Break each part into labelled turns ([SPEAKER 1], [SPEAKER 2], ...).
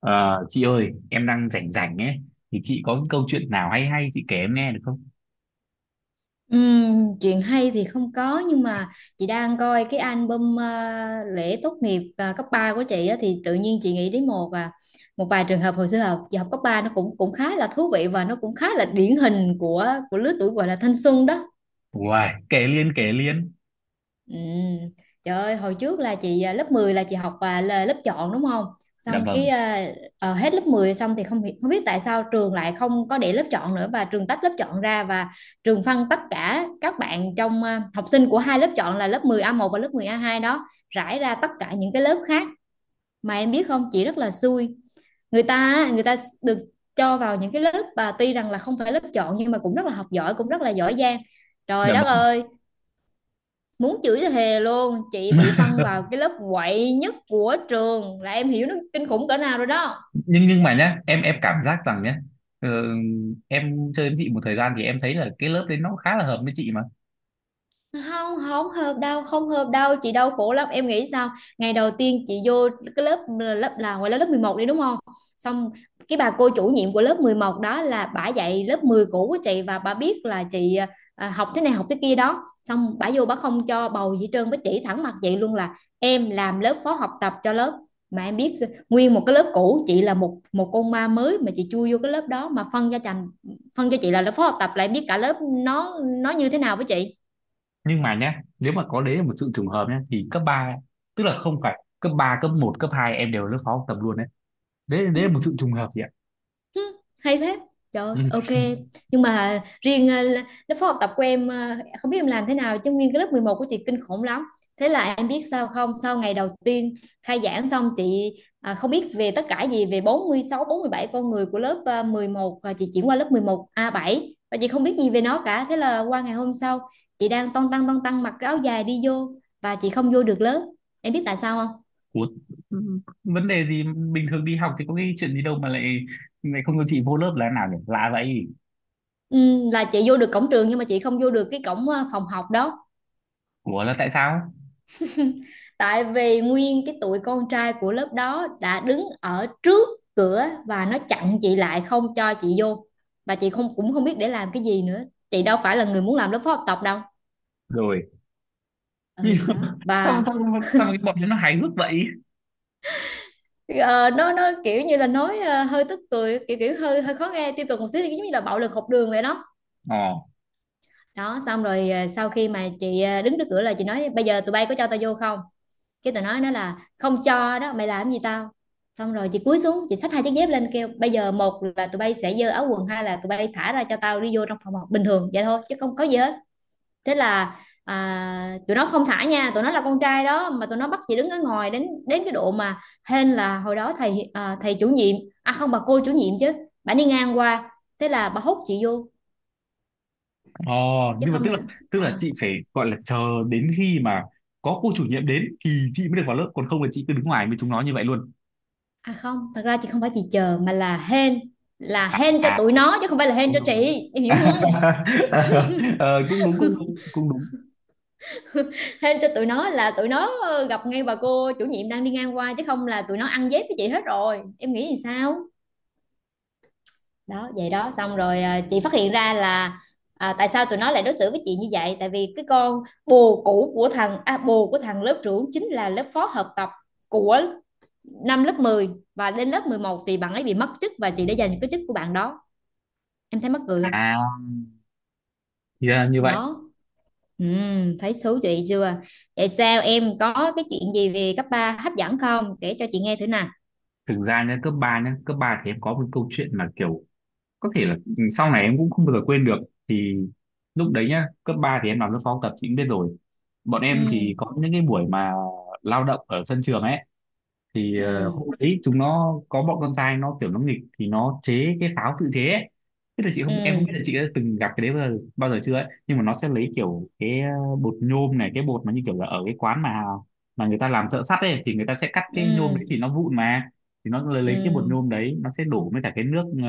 [SPEAKER 1] Ờ, chị ơi, em đang rảnh rảnh ấy, thì chị có cái câu chuyện nào hay hay chị kể em nghe được không?
[SPEAKER 2] Chuyện hay thì không có, nhưng mà chị đang coi cái album lễ tốt nghiệp cấp 3 của chị á, thì tự nhiên chị nghĩ đến một vài trường hợp hồi xưa học, chị học cấp 3 nó cũng cũng khá là thú vị và nó cũng khá là điển hình của lứa tuổi gọi là thanh xuân đó.
[SPEAKER 1] Uầy, kể liên.
[SPEAKER 2] Ừ. Trời ơi, hồi trước là lớp 10 là chị học, là lớp chọn đúng không?
[SPEAKER 1] Dạ
[SPEAKER 2] Xong
[SPEAKER 1] vâng,
[SPEAKER 2] hết lớp 10 xong thì không biết tại sao trường lại không có để lớp chọn nữa, và trường tách lớp chọn ra, và trường phân tất cả các bạn học sinh của hai lớp chọn là lớp mười a một và lớp mười a hai đó rải ra tất cả những cái lớp khác. Mà em biết không, chị rất là xui. Người ta á, người ta được cho vào những cái lớp và tuy rằng là không phải lớp chọn nhưng mà cũng rất là học giỏi, cũng rất là giỏi giang. Trời
[SPEAKER 1] dạ
[SPEAKER 2] đất
[SPEAKER 1] vâng.
[SPEAKER 2] ơi, muốn chửi thì thề luôn, chị bị phân vào cái lớp quậy nhất của trường, là em hiểu nó kinh khủng cỡ nào rồi đó.
[SPEAKER 1] Nhưng mà nhá, em cảm giác rằng nhá, ờ, em chơi với chị một thời gian thì em thấy là cái lớp đấy nó khá là hợp với chị mà.
[SPEAKER 2] Không, không hợp đâu, không hợp đâu, chị đau khổ lắm, em nghĩ sao. Ngày đầu tiên chị vô cái lớp, lớp là ngoài lớp lớp 11 đi đúng không. Xong cái bà cô chủ nhiệm của lớp 11 đó là bả dạy lớp 10 cũ của chị, và bà biết là chị học thế này học thế kia đó, xong bả vô bả không cho bầu gì hết trơn, bả chỉ thẳng mặt vậy luôn là em làm lớp phó học tập cho lớp. Mà em biết, nguyên một cái lớp cũ, chị là một một con ma mới mà chị chui vô cái lớp đó, mà phân cho chành, phân cho chị là lớp phó học tập, lại biết cả lớp nó như thế nào với chị.
[SPEAKER 1] Nhưng mà nhá, nếu mà có đấy là một sự trùng hợp nhá, thì cấp 3 tức là không phải cấp 3 cấp một cấp 2 em đều ở lớp phó học tập luôn đấy. Đấy,
[SPEAKER 2] Ừ.
[SPEAKER 1] đấy là một sự trùng hợp chị ạ.
[SPEAKER 2] Hứ, hay thế, trời,
[SPEAKER 1] Ừ.
[SPEAKER 2] ok. Nhưng mà riêng lớp phó học tập của em, không biết em làm thế nào chứ nguyên cái lớp 11 của chị kinh khủng lắm. Thế là em biết sao không, sau ngày đầu tiên khai giảng xong chị không biết về tất cả gì về bốn bốn mươi sáu, 47 con người của lớp mười một, và chị chuyển qua lớp 11 a bảy và chị không biết gì về nó cả. Thế là qua ngày hôm sau chị đang ton tăng mặc cái áo dài đi vô và chị không vô được lớp, em biết tại sao không.
[SPEAKER 1] Ủa, ừ, vấn đề gì? Bình thường đi học thì có cái chuyện gì đâu mà lại lại không cho chị vô lớp là thế nào nhỉ, lạ vậy.
[SPEAKER 2] Ừ, là chị vô được cổng trường nhưng mà chị không vô được cái cổng phòng học đó.
[SPEAKER 1] Ủa, là tại sao?
[SPEAKER 2] Tại vì nguyên cái tụi con trai của lớp đó đã đứng ở trước cửa và nó chặn chị lại không cho chị vô, và chị không, cũng không biết để làm cái gì nữa, chị đâu phải là người muốn làm lớp phó học tập đâu.
[SPEAKER 1] Rồi.
[SPEAKER 2] Ừ đó.
[SPEAKER 1] sao sao
[SPEAKER 2] Và
[SPEAKER 1] sao mà cái bọn nó hài hước vậy?
[SPEAKER 2] nó kiểu như là nói hơi tức cười, kiểu kiểu hơi hơi khó nghe, tiêu cực một xíu, giống như là bạo lực học đường vậy đó.
[SPEAKER 1] Ờ.
[SPEAKER 2] Đó xong rồi sau khi mà chị đứng trước cửa là chị nói bây giờ tụi bay có cho tao vô không. Cái tụi nó nói là không cho đó, mày làm gì tao. Xong rồi chị cúi xuống chị xách hai chiếc dép lên kêu bây giờ một là tụi bay sẽ giơ áo quần, hai là tụi bay thả ra cho tao đi vô trong phòng học bình thường vậy thôi chứ không có gì hết. Thế là tụi nó không thả nha, tụi nó là con trai đó mà, tụi nó bắt chị đứng ở ngoài đến đến cái độ mà hên là hồi đó thầy chủ nhiệm, à không, bà cô chủ nhiệm chứ, bà đi ngang qua, thế là bà hút chị vô
[SPEAKER 1] Ờ,
[SPEAKER 2] chứ
[SPEAKER 1] nhưng mà
[SPEAKER 2] không
[SPEAKER 1] tức là,
[SPEAKER 2] là
[SPEAKER 1] tức là
[SPEAKER 2] ờ.
[SPEAKER 1] chị phải gọi là chờ đến khi mà có cô chủ nhiệm đến thì chị mới được vào lớp, còn không là chị cứ đứng ngoài với chúng nó như vậy luôn.
[SPEAKER 2] À không, thật ra chị không phải chị chờ mà là hên, là hên cho
[SPEAKER 1] À,
[SPEAKER 2] tụi nó chứ không phải là hên
[SPEAKER 1] đúng
[SPEAKER 2] cho
[SPEAKER 1] đúng đúng
[SPEAKER 2] chị, em hiểu không.
[SPEAKER 1] Cũng đúng.
[SPEAKER 2] Hên cho tụi nó là tụi nó gặp ngay bà cô chủ nhiệm đang đi ngang qua chứ không là tụi nó ăn dép với chị hết rồi, em nghĩ thì sao. Đó vậy đó, xong rồi chị phát hiện ra là tại sao tụi nó lại đối xử với chị như vậy, tại vì cái con bồ cũ của bồ của thằng lớp trưởng chính là lớp phó hợp tập của năm lớp mười, và đến lớp 11 thì bạn ấy bị mất chức và chị đã giành cái chức của bạn đó, em thấy mắc cười không.
[SPEAKER 1] À, thì ra là như vậy.
[SPEAKER 2] Đó. Ừ, thấy thú vị chưa? Vậy sao, em có cái chuyện gì về cấp 3 hấp dẫn không? Kể cho chị nghe thử nè.
[SPEAKER 1] Thực ra nhá, cấp 3 nhá, cấp 3 thì em có một câu chuyện mà kiểu có thể là sau này em cũng không bao giờ quên được. Thì lúc đấy nhá, cấp 3 thì em làm lớp phó học tập chị cũng biết rồi. Bọn em
[SPEAKER 2] Ừ,
[SPEAKER 1] thì có những cái buổi mà lao động ở sân trường ấy, thì hôm
[SPEAKER 2] ừ,
[SPEAKER 1] đấy chúng nó có bọn con trai nó kiểu nó nghịch thì nó chế cái pháo tự chế ấy. Thế là chị không, em không biết
[SPEAKER 2] ừ,
[SPEAKER 1] là chị đã từng gặp cái đấy bao giờ chưa ấy, nhưng mà nó sẽ lấy kiểu cái bột nhôm này, cái bột mà như kiểu là ở cái quán mà người ta làm thợ sắt ấy, thì người ta sẽ cắt cái nhôm
[SPEAKER 2] ừ,
[SPEAKER 1] đấy thì nó vụn mà, thì nó lấy cái bột
[SPEAKER 2] ừ.
[SPEAKER 1] nhôm đấy, nó sẽ đổ với cả cái nước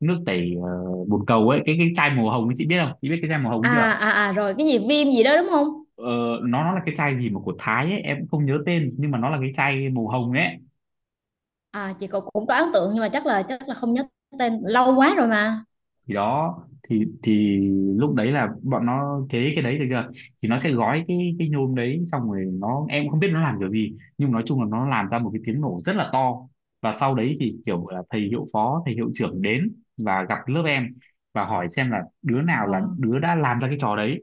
[SPEAKER 1] nước tẩy bồn cầu ấy, cái chai màu hồng ấy, chị biết không, chị biết cái chai màu hồng ấy
[SPEAKER 2] À,
[SPEAKER 1] chưa?
[SPEAKER 2] à, à, rồi cái gì viêm gì đó đúng không?
[SPEAKER 1] ờ, nó là cái chai gì mà của Thái ấy, em cũng không nhớ tên nhưng mà nó là cái chai màu hồng ấy.
[SPEAKER 2] À, chị cũng cũng có ấn tượng nhưng mà chắc là không nhớ tên, lâu quá rồi mà.
[SPEAKER 1] Thì đó, thì lúc đấy là bọn nó chế cái đấy được chưa, thì nó sẽ gói cái nhôm đấy, xong rồi nó, em cũng không biết nó làm kiểu gì nhưng nói chung là nó làm ra một cái tiếng nổ rất là to. Và sau đấy thì kiểu là thầy hiệu phó, thầy hiệu trưởng đến và gặp lớp em và hỏi xem là đứa nào là
[SPEAKER 2] Ờ,
[SPEAKER 1] đứa đã làm ra cái trò đấy.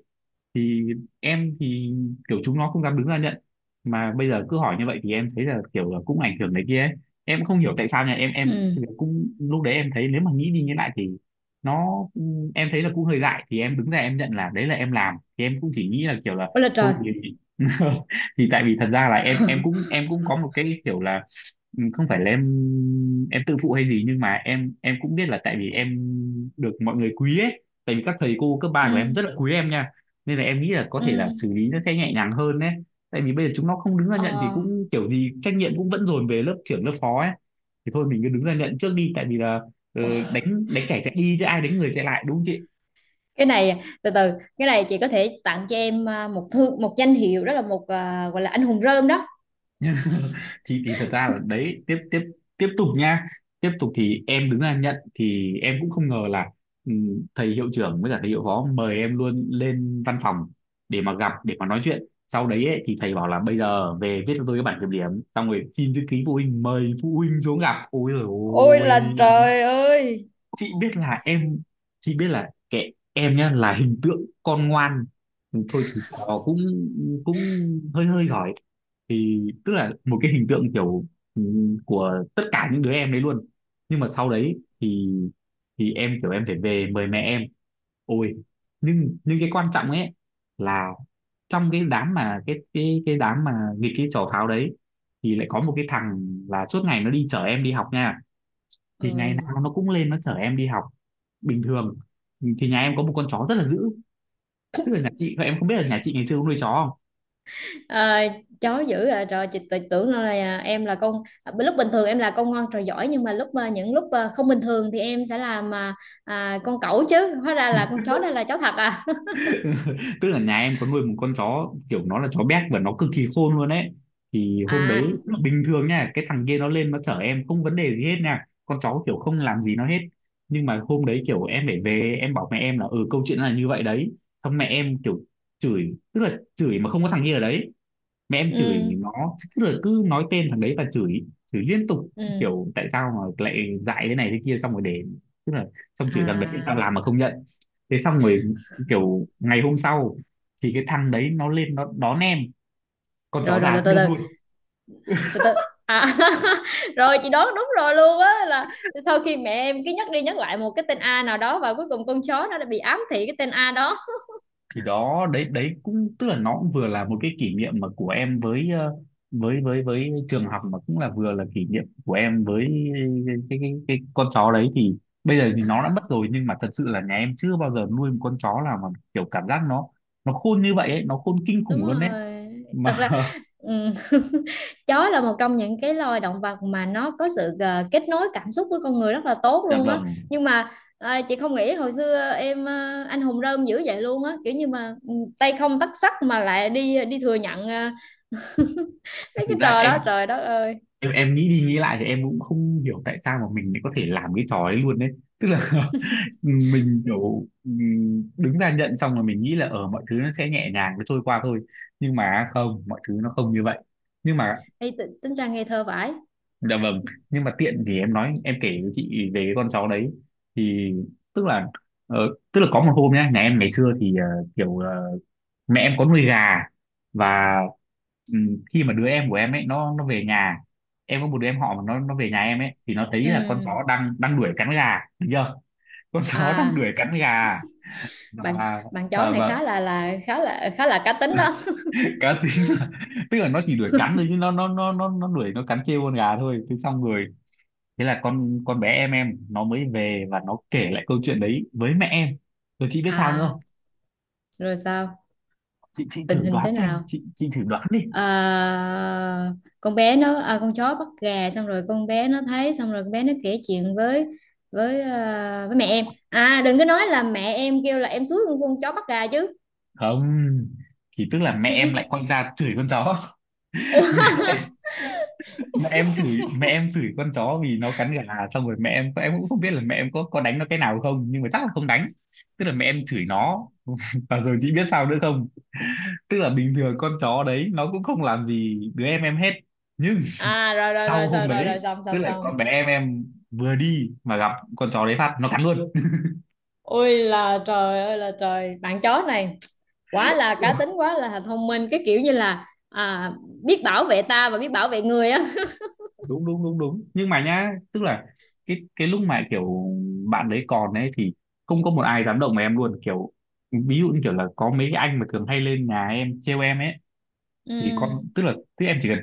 [SPEAKER 1] Thì em thì kiểu chúng nó không dám đứng ra nhận, mà bây giờ cứ hỏi như vậy thì em thấy là kiểu là cũng ảnh hưởng này kia ấy. Em cũng không hiểu tại sao nha, em
[SPEAKER 2] ừ,
[SPEAKER 1] cũng lúc đấy em thấy nếu mà nghĩ đi nghĩ lại thì nó, em thấy là cũng hơi dại, thì em đứng ra em nhận là đấy là em làm, thì em cũng chỉ nghĩ là kiểu là
[SPEAKER 2] ôi là
[SPEAKER 1] thôi
[SPEAKER 2] trời.
[SPEAKER 1] thì. Thì tại vì thật ra là em cũng em cũng có một cái kiểu là không phải là em tự phụ hay gì nhưng mà em cũng biết là tại vì em được mọi người quý ấy, tại vì các thầy cô cấp ba của
[SPEAKER 2] Ừ,
[SPEAKER 1] em rất là quý em nha, nên là em nghĩ là có
[SPEAKER 2] ừ,
[SPEAKER 1] thể là xử lý nó sẽ nhẹ nhàng hơn đấy. Tại vì bây giờ chúng nó không đứng ra nhận thì
[SPEAKER 2] ờ.
[SPEAKER 1] cũng kiểu gì trách nhiệm cũng vẫn dồn về lớp trưởng lớp phó ấy, thì thôi mình cứ đứng ra nhận trước đi. Tại vì là, ờ,
[SPEAKER 2] Ồ,
[SPEAKER 1] đánh đánh kẻ chạy đi chứ ai đánh người chạy lại, đúng không chị?
[SPEAKER 2] cái này từ từ, cái này chị có thể tặng cho em một danh hiệu, đó là gọi là anh hùng rơm đó.
[SPEAKER 1] Thì thật ra là đấy, tiếp tiếp tiếp tục nha, tiếp tục thì em đứng ra nhận thì em cũng không ngờ là ừ, thầy hiệu trưởng với cả thầy hiệu phó mời em luôn lên văn phòng để mà gặp, để mà nói chuyện sau đấy ấy. Thì thầy bảo là bây giờ về viết cho tôi cái bản kiểm điểm, xong rồi xin chữ ký phụ huynh, mời phụ huynh xuống gặp, ôi rồi
[SPEAKER 2] Ôi
[SPEAKER 1] ôi.
[SPEAKER 2] là trời ơi.
[SPEAKER 1] Chị biết là em, chị biết là kệ em nhá, là hình tượng con ngoan, thôi thì trò cũng cũng hơi hơi giỏi, thì tức là một cái hình tượng kiểu ừ, của tất cả những đứa em đấy luôn. Nhưng mà sau đấy thì em kiểu em phải về mời mẹ em, ôi. Nhưng cái quan trọng ấy là trong cái đám mà cái đám mà nghịch cái trò pháo đấy thì lại có một cái thằng là suốt ngày nó đi chở em đi học nha, thì ngày
[SPEAKER 2] Ừ.
[SPEAKER 1] nào nó cũng lên nó chở em đi học bình thường. Thì nhà em có một con chó rất là dữ, tức là nhà chị, em không biết là nhà chị ngày xưa có nuôi chó không.
[SPEAKER 2] Ờ, chó dữ à, trời, chị tự tưởng đâu là em là con, lúc bình thường em là con ngoan trò giỏi, nhưng mà những lúc không bình thường thì em sẽ làm con cẩu, chứ hóa ra là con chó, đây là chó thật à.
[SPEAKER 1] Tức là nhà em có nuôi một con chó kiểu nó là chó béc và nó cực kỳ khôn luôn ấy. Thì hôm đấy,
[SPEAKER 2] À,
[SPEAKER 1] bình thường nha cái thằng kia nó lên nó chở em không vấn đề gì hết nha, con chó kiểu không làm gì nó hết. Nhưng mà hôm đấy kiểu em phải về em bảo mẹ em là ừ câu chuyện là như vậy đấy, xong mẹ em kiểu chửi, tức là chửi mà không có thằng kia ở đấy, mẹ em chửi
[SPEAKER 2] ừ,
[SPEAKER 1] nó, tức là cứ nói tên thằng đấy và chửi, chửi liên tục,
[SPEAKER 2] ừ,
[SPEAKER 1] kiểu tại sao mà lại dại thế này thế kia. Xong rồi để, tức là xong chửi thằng đấy tại sao
[SPEAKER 2] à,
[SPEAKER 1] làm mà không nhận. Thế xong rồi kiểu ngày hôm sau thì cái thằng đấy nó lên nó đón em, con chó
[SPEAKER 2] rồi rồi, từ
[SPEAKER 1] già
[SPEAKER 2] từ
[SPEAKER 1] đơm luôn.
[SPEAKER 2] từ, từ từ, à. Rồi chị đoán đúng rồi luôn á, là sau khi mẹ em cứ nhắc đi nhắc lại một cái tên A nào đó và cuối cùng con chó nó đã bị ám thị cái tên A đó.
[SPEAKER 1] Thì đó, đấy đấy cũng tức là nó cũng vừa là một cái kỷ niệm mà của em với với với trường học, mà cũng là vừa là kỷ niệm của em với cái con chó đấy. Thì bây giờ thì nó đã mất rồi, nhưng mà thật sự là nhà em chưa bao giờ nuôi một con chó nào mà kiểu cảm giác nó khôn như vậy ấy, nó khôn kinh khủng
[SPEAKER 2] Đúng
[SPEAKER 1] luôn đấy
[SPEAKER 2] rồi. Thật
[SPEAKER 1] mà.
[SPEAKER 2] ra, ừ, chó là một trong những cái loài động vật mà nó có sự kết nối cảm xúc với con người rất là tốt
[SPEAKER 1] Dạ
[SPEAKER 2] luôn á.
[SPEAKER 1] vâng.
[SPEAKER 2] Nhưng mà chị không nghĩ hồi xưa em anh hùng rơm dữ vậy luôn á, kiểu như mà tay không tấc sắt mà lại đi đi thừa nhận mấy
[SPEAKER 1] Thực
[SPEAKER 2] cái
[SPEAKER 1] ra
[SPEAKER 2] trò
[SPEAKER 1] em,
[SPEAKER 2] đó, trời đất ơi.
[SPEAKER 1] em nghĩ đi nghĩ lại thì em cũng không hiểu tại sao mà mình lại có thể làm cái trò ấy luôn đấy, tức là mình kiểu đứng ra nhận xong rồi mình nghĩ là ở mọi thứ nó sẽ nhẹ nhàng, nó trôi qua thôi. Nhưng mà không, mọi thứ nó không như vậy. Nhưng mà
[SPEAKER 2] Ê, tính ra ngây thơ vãi.
[SPEAKER 1] dạ vâng, nhưng mà tiện thì em nói em kể với chị về cái con chó đấy. Thì tức là ờ, tức là có một hôm nhá, nhà em ngày xưa thì kiểu mẹ em có nuôi gà. Và khi mà đứa em của em ấy nó về nhà, em có một đứa em họ mà nó về nhà em ấy, thì nó thấy là con
[SPEAKER 2] Ừ.
[SPEAKER 1] chó đang đang đuổi cắn gà được chưa, con chó đang
[SPEAKER 2] À,
[SPEAKER 1] đuổi cắn gà.
[SPEAKER 2] bạn
[SPEAKER 1] Và
[SPEAKER 2] bạn chó này
[SPEAKER 1] và
[SPEAKER 2] khá là, khá là cá tính đó.
[SPEAKER 1] cá tính là tức là nó chỉ đuổi cắn thôi chứ nó đuổi nó cắn trêu con gà thôi. Thế xong rồi, thế là con bé em nó mới về và nó kể lại câu chuyện đấy với mẹ em. Rồi chị biết sao nữa
[SPEAKER 2] À,
[SPEAKER 1] không?
[SPEAKER 2] rồi sao,
[SPEAKER 1] Chị
[SPEAKER 2] tình
[SPEAKER 1] thử
[SPEAKER 2] hình
[SPEAKER 1] đoán
[SPEAKER 2] thế
[SPEAKER 1] xem,
[SPEAKER 2] nào.
[SPEAKER 1] chị thử đoán đi.
[SPEAKER 2] À, con bé nó, à, con chó bắt gà xong rồi con bé nó thấy, xong rồi con bé nó kể chuyện với với mẹ em, à đừng có nói là mẹ em kêu là em suốt con chó bắt gà chứ.
[SPEAKER 1] Không, thì tức là mẹ em lại quay ra chửi con chó.
[SPEAKER 2] Ủa.
[SPEAKER 1] Mẹ em, mẹ em chửi, mẹ em chửi con chó vì nó cắn gà. Xong rồi mẹ em cũng không biết là mẹ em có đánh nó cái nào không nhưng mà chắc là không đánh, tức là mẹ em chửi nó. Và rồi chị biết sao nữa không? Tức là bình thường con chó đấy nó cũng không làm gì đứa em hết, nhưng
[SPEAKER 2] À rồi rồi rồi
[SPEAKER 1] sau hôm
[SPEAKER 2] rồi rồi
[SPEAKER 1] đấy,
[SPEAKER 2] rồi, xong
[SPEAKER 1] tức
[SPEAKER 2] xong
[SPEAKER 1] là con
[SPEAKER 2] xong.
[SPEAKER 1] bé em vừa đi mà gặp con chó đấy phát nó cắn luôn.
[SPEAKER 2] Ôi là trời ơi là trời, bạn chó này quá là cá tính, quá là thông minh, cái kiểu như là biết bảo vệ ta và biết bảo vệ người á.
[SPEAKER 1] đúng đúng đúng đúng Nhưng mà nhá, tức là cái lúc mà kiểu bạn đấy còn ấy thì không có một ai dám động vào em luôn, kiểu ví dụ như kiểu là có mấy cái anh mà thường hay lên nhà em trêu em ấy, thì con,
[SPEAKER 2] Ừ.
[SPEAKER 1] tức là tức em chỉ cần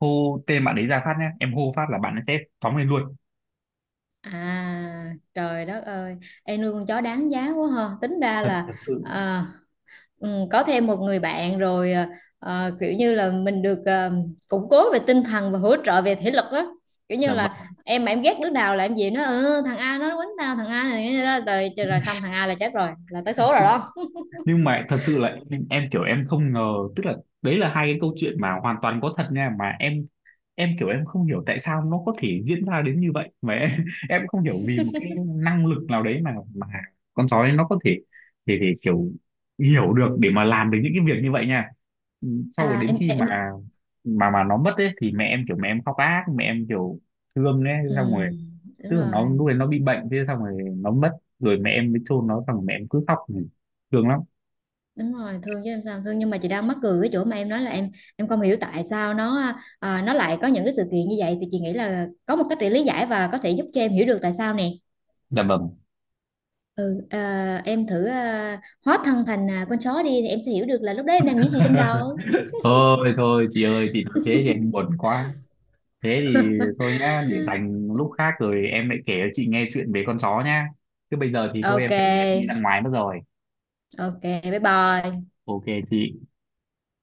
[SPEAKER 1] hô tên bạn đấy ra phát nhá, em hô phát là bạn ấy sẽ phóng lên luôn.
[SPEAKER 2] À, trời đất ơi, em nuôi con chó đáng giá quá ha, tính ra
[SPEAKER 1] Thật
[SPEAKER 2] là
[SPEAKER 1] thật sự.
[SPEAKER 2] à, ừ, có thêm một người bạn rồi, kiểu như là mình được củng cố về tinh thần và hỗ trợ về thể lực đó, kiểu như
[SPEAKER 1] Dạ
[SPEAKER 2] là
[SPEAKER 1] vâng.
[SPEAKER 2] em mà em ghét đứa nào là em gì nó "Ờ, thằng A nó quánh tao, thằng A này đó. Rồi rồi, xong thằng A là chết rồi, là tới số rồi đó.
[SPEAKER 1] Nhưng mà thật sự là em kiểu em không ngờ, tức là đấy là hai cái câu chuyện mà hoàn toàn có thật nha, mà em kiểu em không hiểu tại sao nó có thể diễn ra đến như vậy, mà em em không hiểu vì một cái năng lực nào đấy mà con sói nó có thể, thì kiểu hiểu được để mà làm được những cái việc như vậy nha. Sau rồi
[SPEAKER 2] à
[SPEAKER 1] đến
[SPEAKER 2] em
[SPEAKER 1] khi mà
[SPEAKER 2] em
[SPEAKER 1] nó mất ấy thì mẹ em kiểu mẹ em khóc ác, mẹ em kiểu thương ấy,
[SPEAKER 2] ừ,
[SPEAKER 1] xong rồi,
[SPEAKER 2] đúng
[SPEAKER 1] tức là nó lúc
[SPEAKER 2] rồi.
[SPEAKER 1] đấy nó bị bệnh, thế xong rồi nó mất, rồi mẹ em mới chôn nó xong rồi mẹ em cứ khóc, thương lắm.
[SPEAKER 2] Đúng rồi, thương chứ em sao không thương, nhưng mà chị đang mắc cười cái chỗ mà em nói là em không hiểu tại sao nó, nó lại có những cái sự kiện như vậy, thì chị nghĩ là có một cách để lý giải và có thể giúp cho em hiểu được tại sao nè.
[SPEAKER 1] Dạ vâng.
[SPEAKER 2] Em thử hóa thân thành con chó đi thì em sẽ hiểu được là lúc đấy em đang nghĩ gì trong đầu.
[SPEAKER 1] Thôi thôi chị ơi, chị nói thế thì em buồn quá, thế thì thôi nhá, để dành lúc khác rồi em lại kể cho chị nghe chuyện về con chó nhá. Chứ bây giờ thì thôi em
[SPEAKER 2] Ok.
[SPEAKER 1] phải đi ra ngoài mất rồi.
[SPEAKER 2] Ok. Bye bye.
[SPEAKER 1] Ok chị.